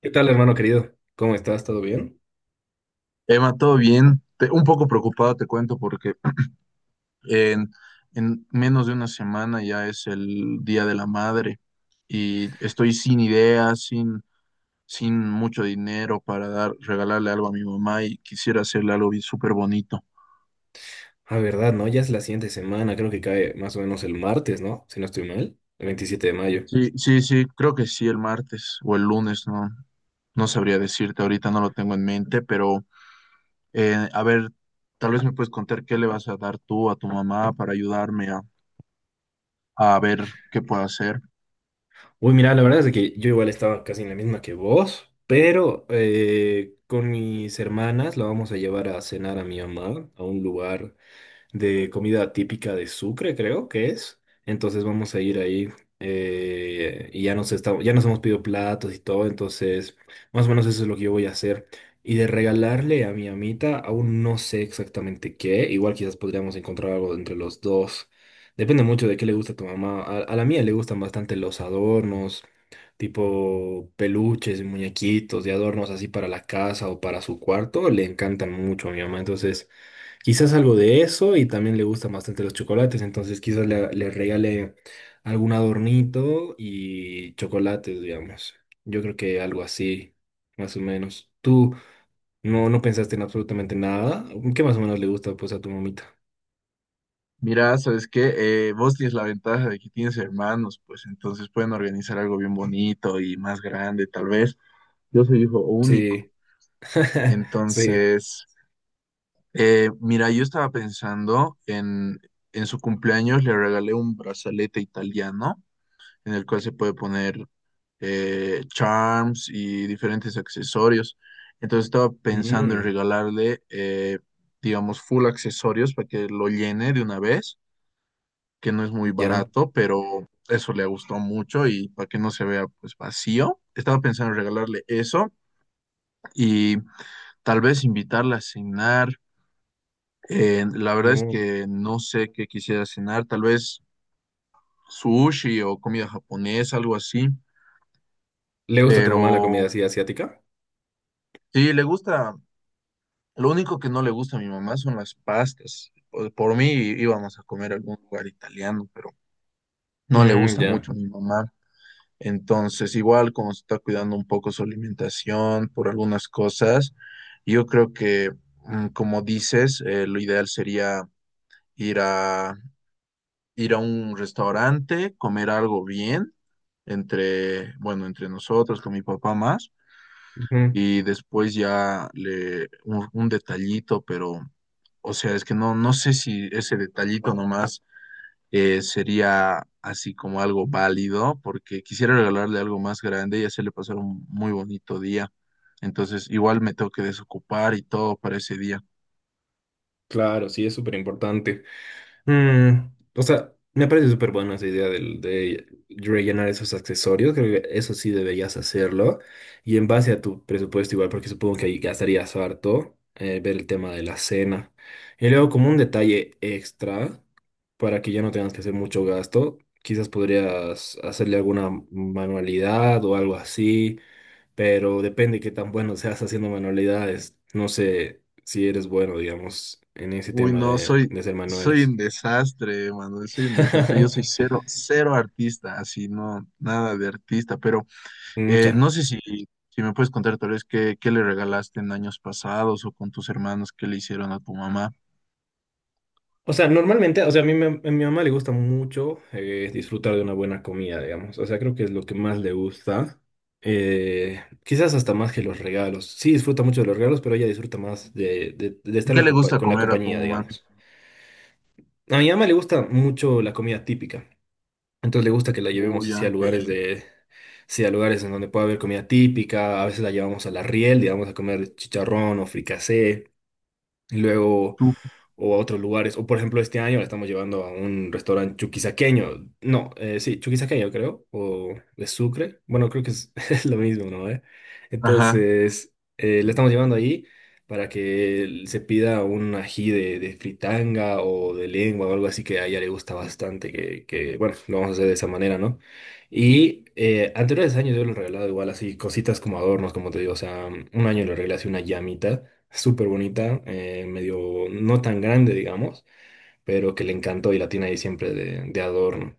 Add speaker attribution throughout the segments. Speaker 1: ¿Qué tal, hermano querido? ¿Cómo estás? ¿Todo bien?
Speaker 2: Emma, todo bien. Un poco preocupado, te cuento, porque en, en menos de una semana ya es el Día de la Madre y estoy sin ideas, sin mucho dinero para dar, regalarle algo a mi mamá y quisiera hacerle algo bien súper bonito.
Speaker 1: Ah, verdad, ¿no? Ya es la siguiente semana, creo que cae más o menos el martes, ¿no? Si no estoy mal, el 27 de mayo.
Speaker 2: Sí, sí, sí, creo que sí, el martes o el lunes, no sabría decirte, ahorita no lo tengo en mente, pero a ver, tal vez me puedes contar qué le vas a dar tú a tu mamá para ayudarme a ver qué puedo hacer.
Speaker 1: Uy, mira, la verdad es de que yo igual estaba casi en la misma que vos, pero con mis hermanas la vamos a llevar a cenar a mi mamá a un lugar de comida típica de Sucre, creo que es. Entonces vamos a ir ahí y ya nos hemos pedido platos y todo, entonces más o menos eso es lo que yo voy a hacer. Y de regalarle a mi amita, aún no sé exactamente qué, igual quizás podríamos encontrar algo entre los dos. Depende mucho de qué le gusta a tu mamá. A la mía le gustan bastante los adornos, tipo peluches y muñequitos de adornos así para la casa o para su cuarto. Le encantan mucho a mi mamá, entonces. Quizás algo de eso y también le gustan bastante los chocolates, entonces quizás le regale algún adornito y chocolates, digamos. Yo creo que algo así, más o menos. ¿Tú no pensaste en absolutamente nada? ¿Qué más o menos le gusta pues a tu mamita?
Speaker 2: Mira, ¿sabes qué? Vos tienes la ventaja de que tienes hermanos, pues entonces pueden organizar algo bien bonito y más grande, tal vez. Yo soy hijo único.
Speaker 1: Sí, sí.
Speaker 2: Entonces, mira, yo estaba pensando en su cumpleaños le regalé un brazalete italiano en el cual se puede poner charms y diferentes accesorios. Entonces estaba pensando en
Speaker 1: Mm,
Speaker 2: regalarle, digamos, full accesorios para que lo llene de una vez que no es muy
Speaker 1: ya.
Speaker 2: barato, pero eso le gustó mucho y para que no se vea pues vacío. Estaba pensando en regalarle eso y tal vez invitarla a cenar. La verdad es
Speaker 1: Mm.
Speaker 2: que no sé qué quisiera cenar, tal vez sushi o comida japonesa, algo así,
Speaker 1: ¿Le gusta a tu mamá la
Speaker 2: pero
Speaker 1: comida así asiática?
Speaker 2: sí, le gusta, lo único que no le gusta a mi mamá son las pastas. Por mí íbamos a comer a algún lugar italiano, pero no le
Speaker 1: Mm,
Speaker 2: gusta
Speaker 1: ya.
Speaker 2: mucho a mi mamá. Entonces, igual como se está cuidando un poco su alimentación por algunas cosas, yo creo que, mm, como dices, lo ideal sería ir a, ir a un restaurante, comer algo bien, bueno, entre nosotros, con mi papá más,
Speaker 1: Ujú.
Speaker 2: y después un detallito, pero, o sea, es que no sé si ese detallito nomás sería así como algo válido, porque quisiera regalarle algo más grande y hacerle pasar un muy bonito día. Entonces, igual me tengo que desocupar y todo para ese día.
Speaker 1: Claro, sí, es súper importante. Mm, o sea, me parece súper buena esa idea de rellenar esos accesorios. Creo que eso sí deberías hacerlo. Y en base a tu presupuesto igual, porque supongo que ahí gastarías harto, ver el tema de la cena. Y luego como un detalle extra, para que ya no tengas que hacer mucho gasto, quizás podrías hacerle alguna manualidad o algo así, pero depende qué tan bueno seas haciendo manualidades. No sé si eres bueno, digamos, en ese
Speaker 2: Uy,
Speaker 1: tema
Speaker 2: no, soy,
Speaker 1: de hacer
Speaker 2: soy
Speaker 1: manuales.
Speaker 2: un desastre, Manuel, soy un desastre. Yo soy cero, cero artista, así, no, nada de artista, pero
Speaker 1: Mm, ya.
Speaker 2: no sé si me puedes contar tal vez qué le regalaste en años pasados o con tus hermanos, qué le hicieron a tu mamá.
Speaker 1: O sea, normalmente, o sea, a mi mamá le gusta mucho disfrutar de una buena comida, digamos. O sea, creo que es lo que más le gusta. Quizás hasta más que los regalos. Sí, disfruta mucho de los regalos, pero ella disfruta más de estar
Speaker 2: ¿Qué le gusta
Speaker 1: con la
Speaker 2: comer a tu
Speaker 1: compañía,
Speaker 2: mamá?
Speaker 1: digamos. A mi mamá le gusta mucho la comida típica. Entonces le gusta que la llevemos
Speaker 2: Uy,
Speaker 1: hacia
Speaker 2: ya,
Speaker 1: lugares
Speaker 2: del
Speaker 1: de, sí, a lugares en donde pueda haber comida típica. A veces la llevamos a la Riel, digamos, a comer chicharrón o fricasé. Luego
Speaker 2: tú.
Speaker 1: o a otros lugares. O por ejemplo, este año la estamos llevando a un restaurante chuquisaqueño. No, sí, chuquisaqueño creo, o de Sucre. Bueno, creo que es, es lo mismo, ¿no? ¿eh?
Speaker 2: Ajá.
Speaker 1: Entonces, la estamos llevando ahí para que se pida un ají de fritanga o de lengua o algo así que a ella le gusta bastante, que bueno, lo vamos a hacer de esa manera, ¿no? Y anteriores años yo le he regalado igual así cositas como adornos, como te digo, o sea, un año le regalé así una llamita súper bonita, medio no tan grande, digamos, pero que le encantó y la tiene ahí siempre de adorno.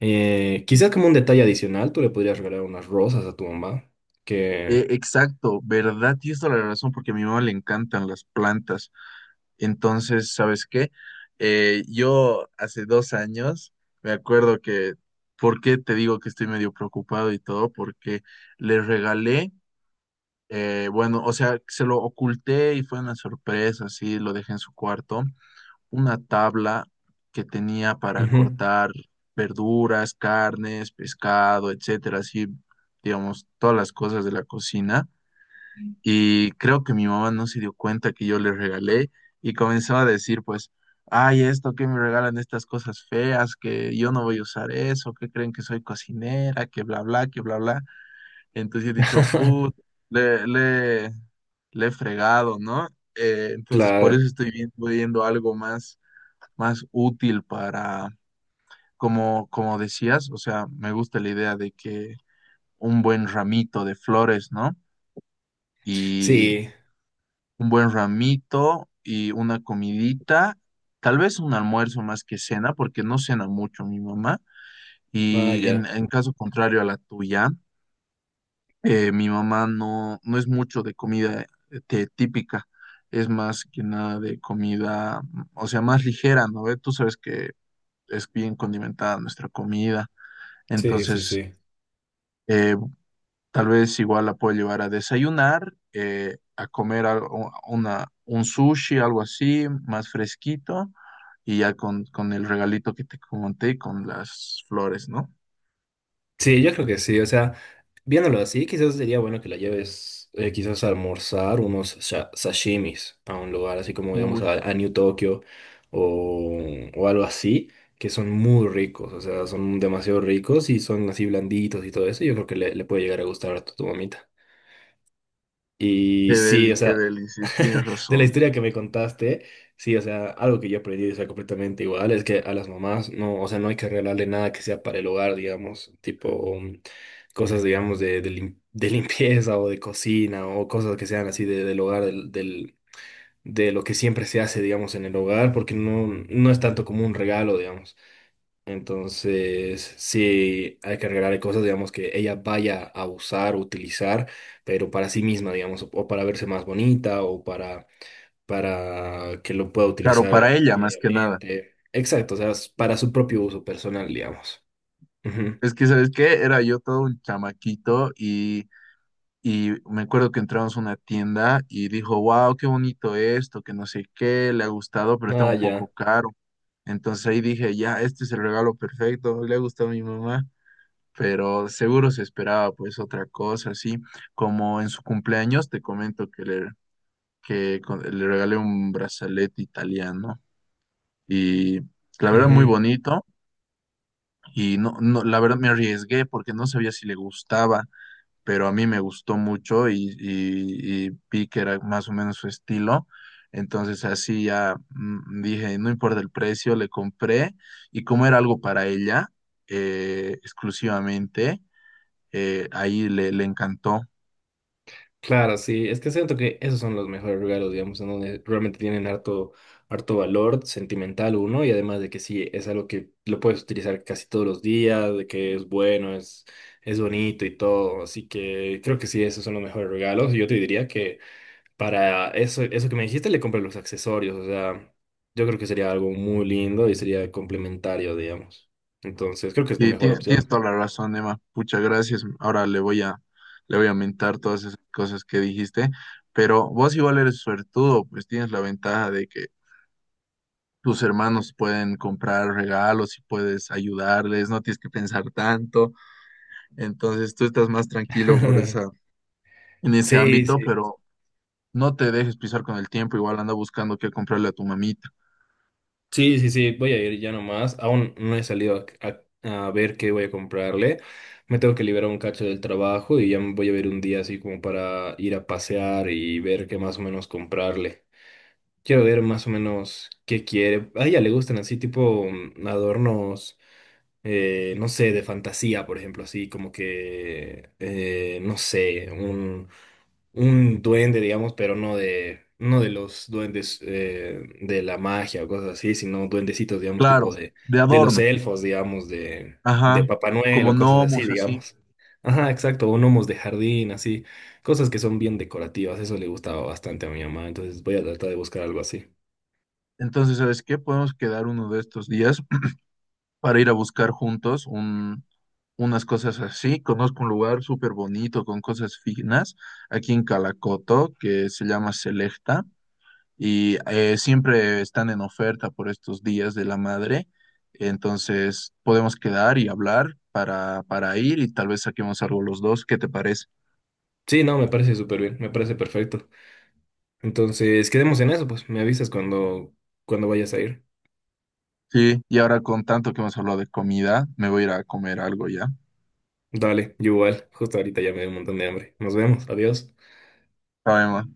Speaker 1: Quizás como un detalle adicional, tú le podrías regalar unas rosas a tu mamá, que.
Speaker 2: Exacto, ¿verdad? Tienes toda la razón porque a mi mamá le encantan las plantas. Entonces, ¿sabes qué? Yo hace 2 años me acuerdo ¿por qué te digo que estoy medio preocupado y todo? Porque le regalé, bueno, o sea, se lo oculté y fue una sorpresa, sí, lo dejé en su cuarto, una tabla que tenía para
Speaker 1: Ujú.
Speaker 2: cortar verduras, carnes, pescado, etcétera, así, digamos, todas las cosas de la cocina. Y creo que mi mamá no se dio cuenta que yo le regalé y comenzó a decir, pues, ay, esto que me regalan estas cosas feas, que yo no voy a usar eso, que creen que soy cocinera, que bla, bla, que bla, bla. Entonces he dicho, put, le, le, le he fregado, ¿no? Entonces por
Speaker 1: Claro,
Speaker 2: eso estoy viendo algo más, más útil para, como decías, o sea, me gusta la idea de que un buen ramito de flores, ¿no?
Speaker 1: sí,
Speaker 2: Un buen ramito y una comidita, tal vez un almuerzo más que cena, porque no cena mucho mi mamá.
Speaker 1: ah,
Speaker 2: Y en,
Speaker 1: ya.
Speaker 2: en caso contrario a la tuya, mi mamá no es mucho de comida este, típica, es más que nada de comida, o sea, más ligera, ¿no? ¿Ve? Tú sabes que es bien condimentada nuestra comida,
Speaker 1: Sí, sí,
Speaker 2: entonces...
Speaker 1: sí.
Speaker 2: eh, Tal vez igual la puedo llevar a desayunar, a comer un sushi, algo así, más fresquito, y ya con el regalito que te comenté, con las flores, ¿no?
Speaker 1: Sí, yo creo que sí, o sea, viéndolo así, quizás sería bueno que la lleves quizás a almorzar unos sashimis a un lugar así como digamos
Speaker 2: Uy,
Speaker 1: a New Tokyo o, o algo así, que son muy ricos, o sea, son demasiado ricos y son así blanditos y todo eso, yo creo que le puede llegar a gustar a tu mamita. Y sí, o
Speaker 2: qué
Speaker 1: sea,
Speaker 2: deli, sí, tienes
Speaker 1: de la
Speaker 2: razón.
Speaker 1: historia que me contaste, sí, o sea, algo que yo aprendí, o sea, completamente igual, es que a las mamás no, o sea, no hay que regalarle nada que sea para el hogar, digamos, tipo mm, cosas, digamos, de limpieza o de cocina o cosas que sean así del hogar, de lo que siempre se hace, digamos, en el hogar, porque no, no es tanto como un regalo, digamos. Entonces, sí, hay que regalarle cosas, digamos, que ella vaya a usar, utilizar, pero para sí misma, digamos, o para verse más bonita o para que lo pueda
Speaker 2: Claro, para
Speaker 1: utilizar
Speaker 2: ella más que nada.
Speaker 1: diariamente. Exacto, o sea, es para su propio uso personal, digamos. Ujú.
Speaker 2: Es que, ¿sabes qué? Era yo todo un chamaquito y me acuerdo que entramos a una tienda y dijo, wow, qué bonito esto, que no sé qué, le ha gustado, pero está
Speaker 1: Ah,
Speaker 2: un poco
Speaker 1: ya.
Speaker 2: caro. Entonces ahí dije, ya, este es el regalo perfecto, le ha gustado a mi mamá, pero seguro se esperaba pues otra cosa, así como en su cumpleaños, te comento que le regalé un brazalete italiano y la verdad muy
Speaker 1: Ujú.
Speaker 2: bonito y no, la verdad me arriesgué porque no sabía si le gustaba, pero a mí me gustó mucho y, y vi que era más o menos su estilo. Entonces así ya mm, dije, no importa el precio, le compré y como era algo para ella exclusivamente, ahí le encantó.
Speaker 1: Claro, sí, es que siento que esos son los mejores regalos, digamos, en donde realmente tienen harto, harto valor sentimental uno, y además de que sí, es algo que lo puedes utilizar casi todos los días, de que es bueno, es bonito y todo, así que creo que sí, esos son los mejores regalos, y yo te diría que para eso, eso que me dijiste, le compras los accesorios, o sea, yo creo que sería algo muy lindo y sería complementario, digamos, entonces creo que es tu
Speaker 2: Y
Speaker 1: mejor
Speaker 2: tienes
Speaker 1: opción.
Speaker 2: toda la razón, Emma. Muchas gracias. Ahora le voy a mentar todas esas cosas que dijiste. Pero vos igual eres suertudo, pues tienes la ventaja de que tus hermanos pueden comprar regalos y puedes ayudarles, no tienes que pensar tanto. Entonces tú estás más tranquilo en ese
Speaker 1: Sí,
Speaker 2: ámbito,
Speaker 1: sí,
Speaker 2: pero no te dejes pisar con el tiempo. Igual anda buscando qué comprarle a tu mamita.
Speaker 1: sí, sí, sí, voy a ir ya nomás. Aún no he salido a, a ver qué voy a comprarle. Me tengo que liberar un cacho del trabajo y ya me voy a ver un día así como para ir a pasear y ver qué más o menos comprarle. Quiero ver más o menos qué quiere. A ella le gustan así tipo mm, adornos, no sé, de fantasía, por ejemplo, así como que, no sé, un duende, digamos, pero no de los duendes de la magia o cosas así, sino duendecitos, digamos,
Speaker 2: Claro,
Speaker 1: tipo
Speaker 2: de
Speaker 1: de los
Speaker 2: adorno.
Speaker 1: elfos, digamos,
Speaker 2: Ajá,
Speaker 1: de Papá Noel
Speaker 2: como
Speaker 1: o cosas así,
Speaker 2: gnomos, así.
Speaker 1: digamos. Ajá, exacto, o gnomos de jardín, así, cosas que son bien decorativas, eso le gustaba bastante a mi mamá, entonces voy a tratar de buscar algo así.
Speaker 2: Entonces, ¿sabes qué? Podemos quedar uno de estos días para ir a buscar juntos unas cosas así. Conozco un lugar súper bonito con cosas finas aquí en Calacoto que se llama Selecta. Y siempre están en oferta por estos días de la madre. Entonces podemos quedar y hablar para ir y tal vez saquemos algo los dos. ¿Qué te parece?
Speaker 1: Sí, no, me parece súper bien, me parece perfecto. Entonces, quedemos en eso, pues, me avisas cuando, cuando vayas a ir.
Speaker 2: Sí, y ahora con tanto que hemos hablado de comida, me voy a ir a comer algo ya.
Speaker 1: Dale, yo igual, justo ahorita ya me dio un montón de hambre. Nos vemos, adiós.
Speaker 2: Chao, Emma.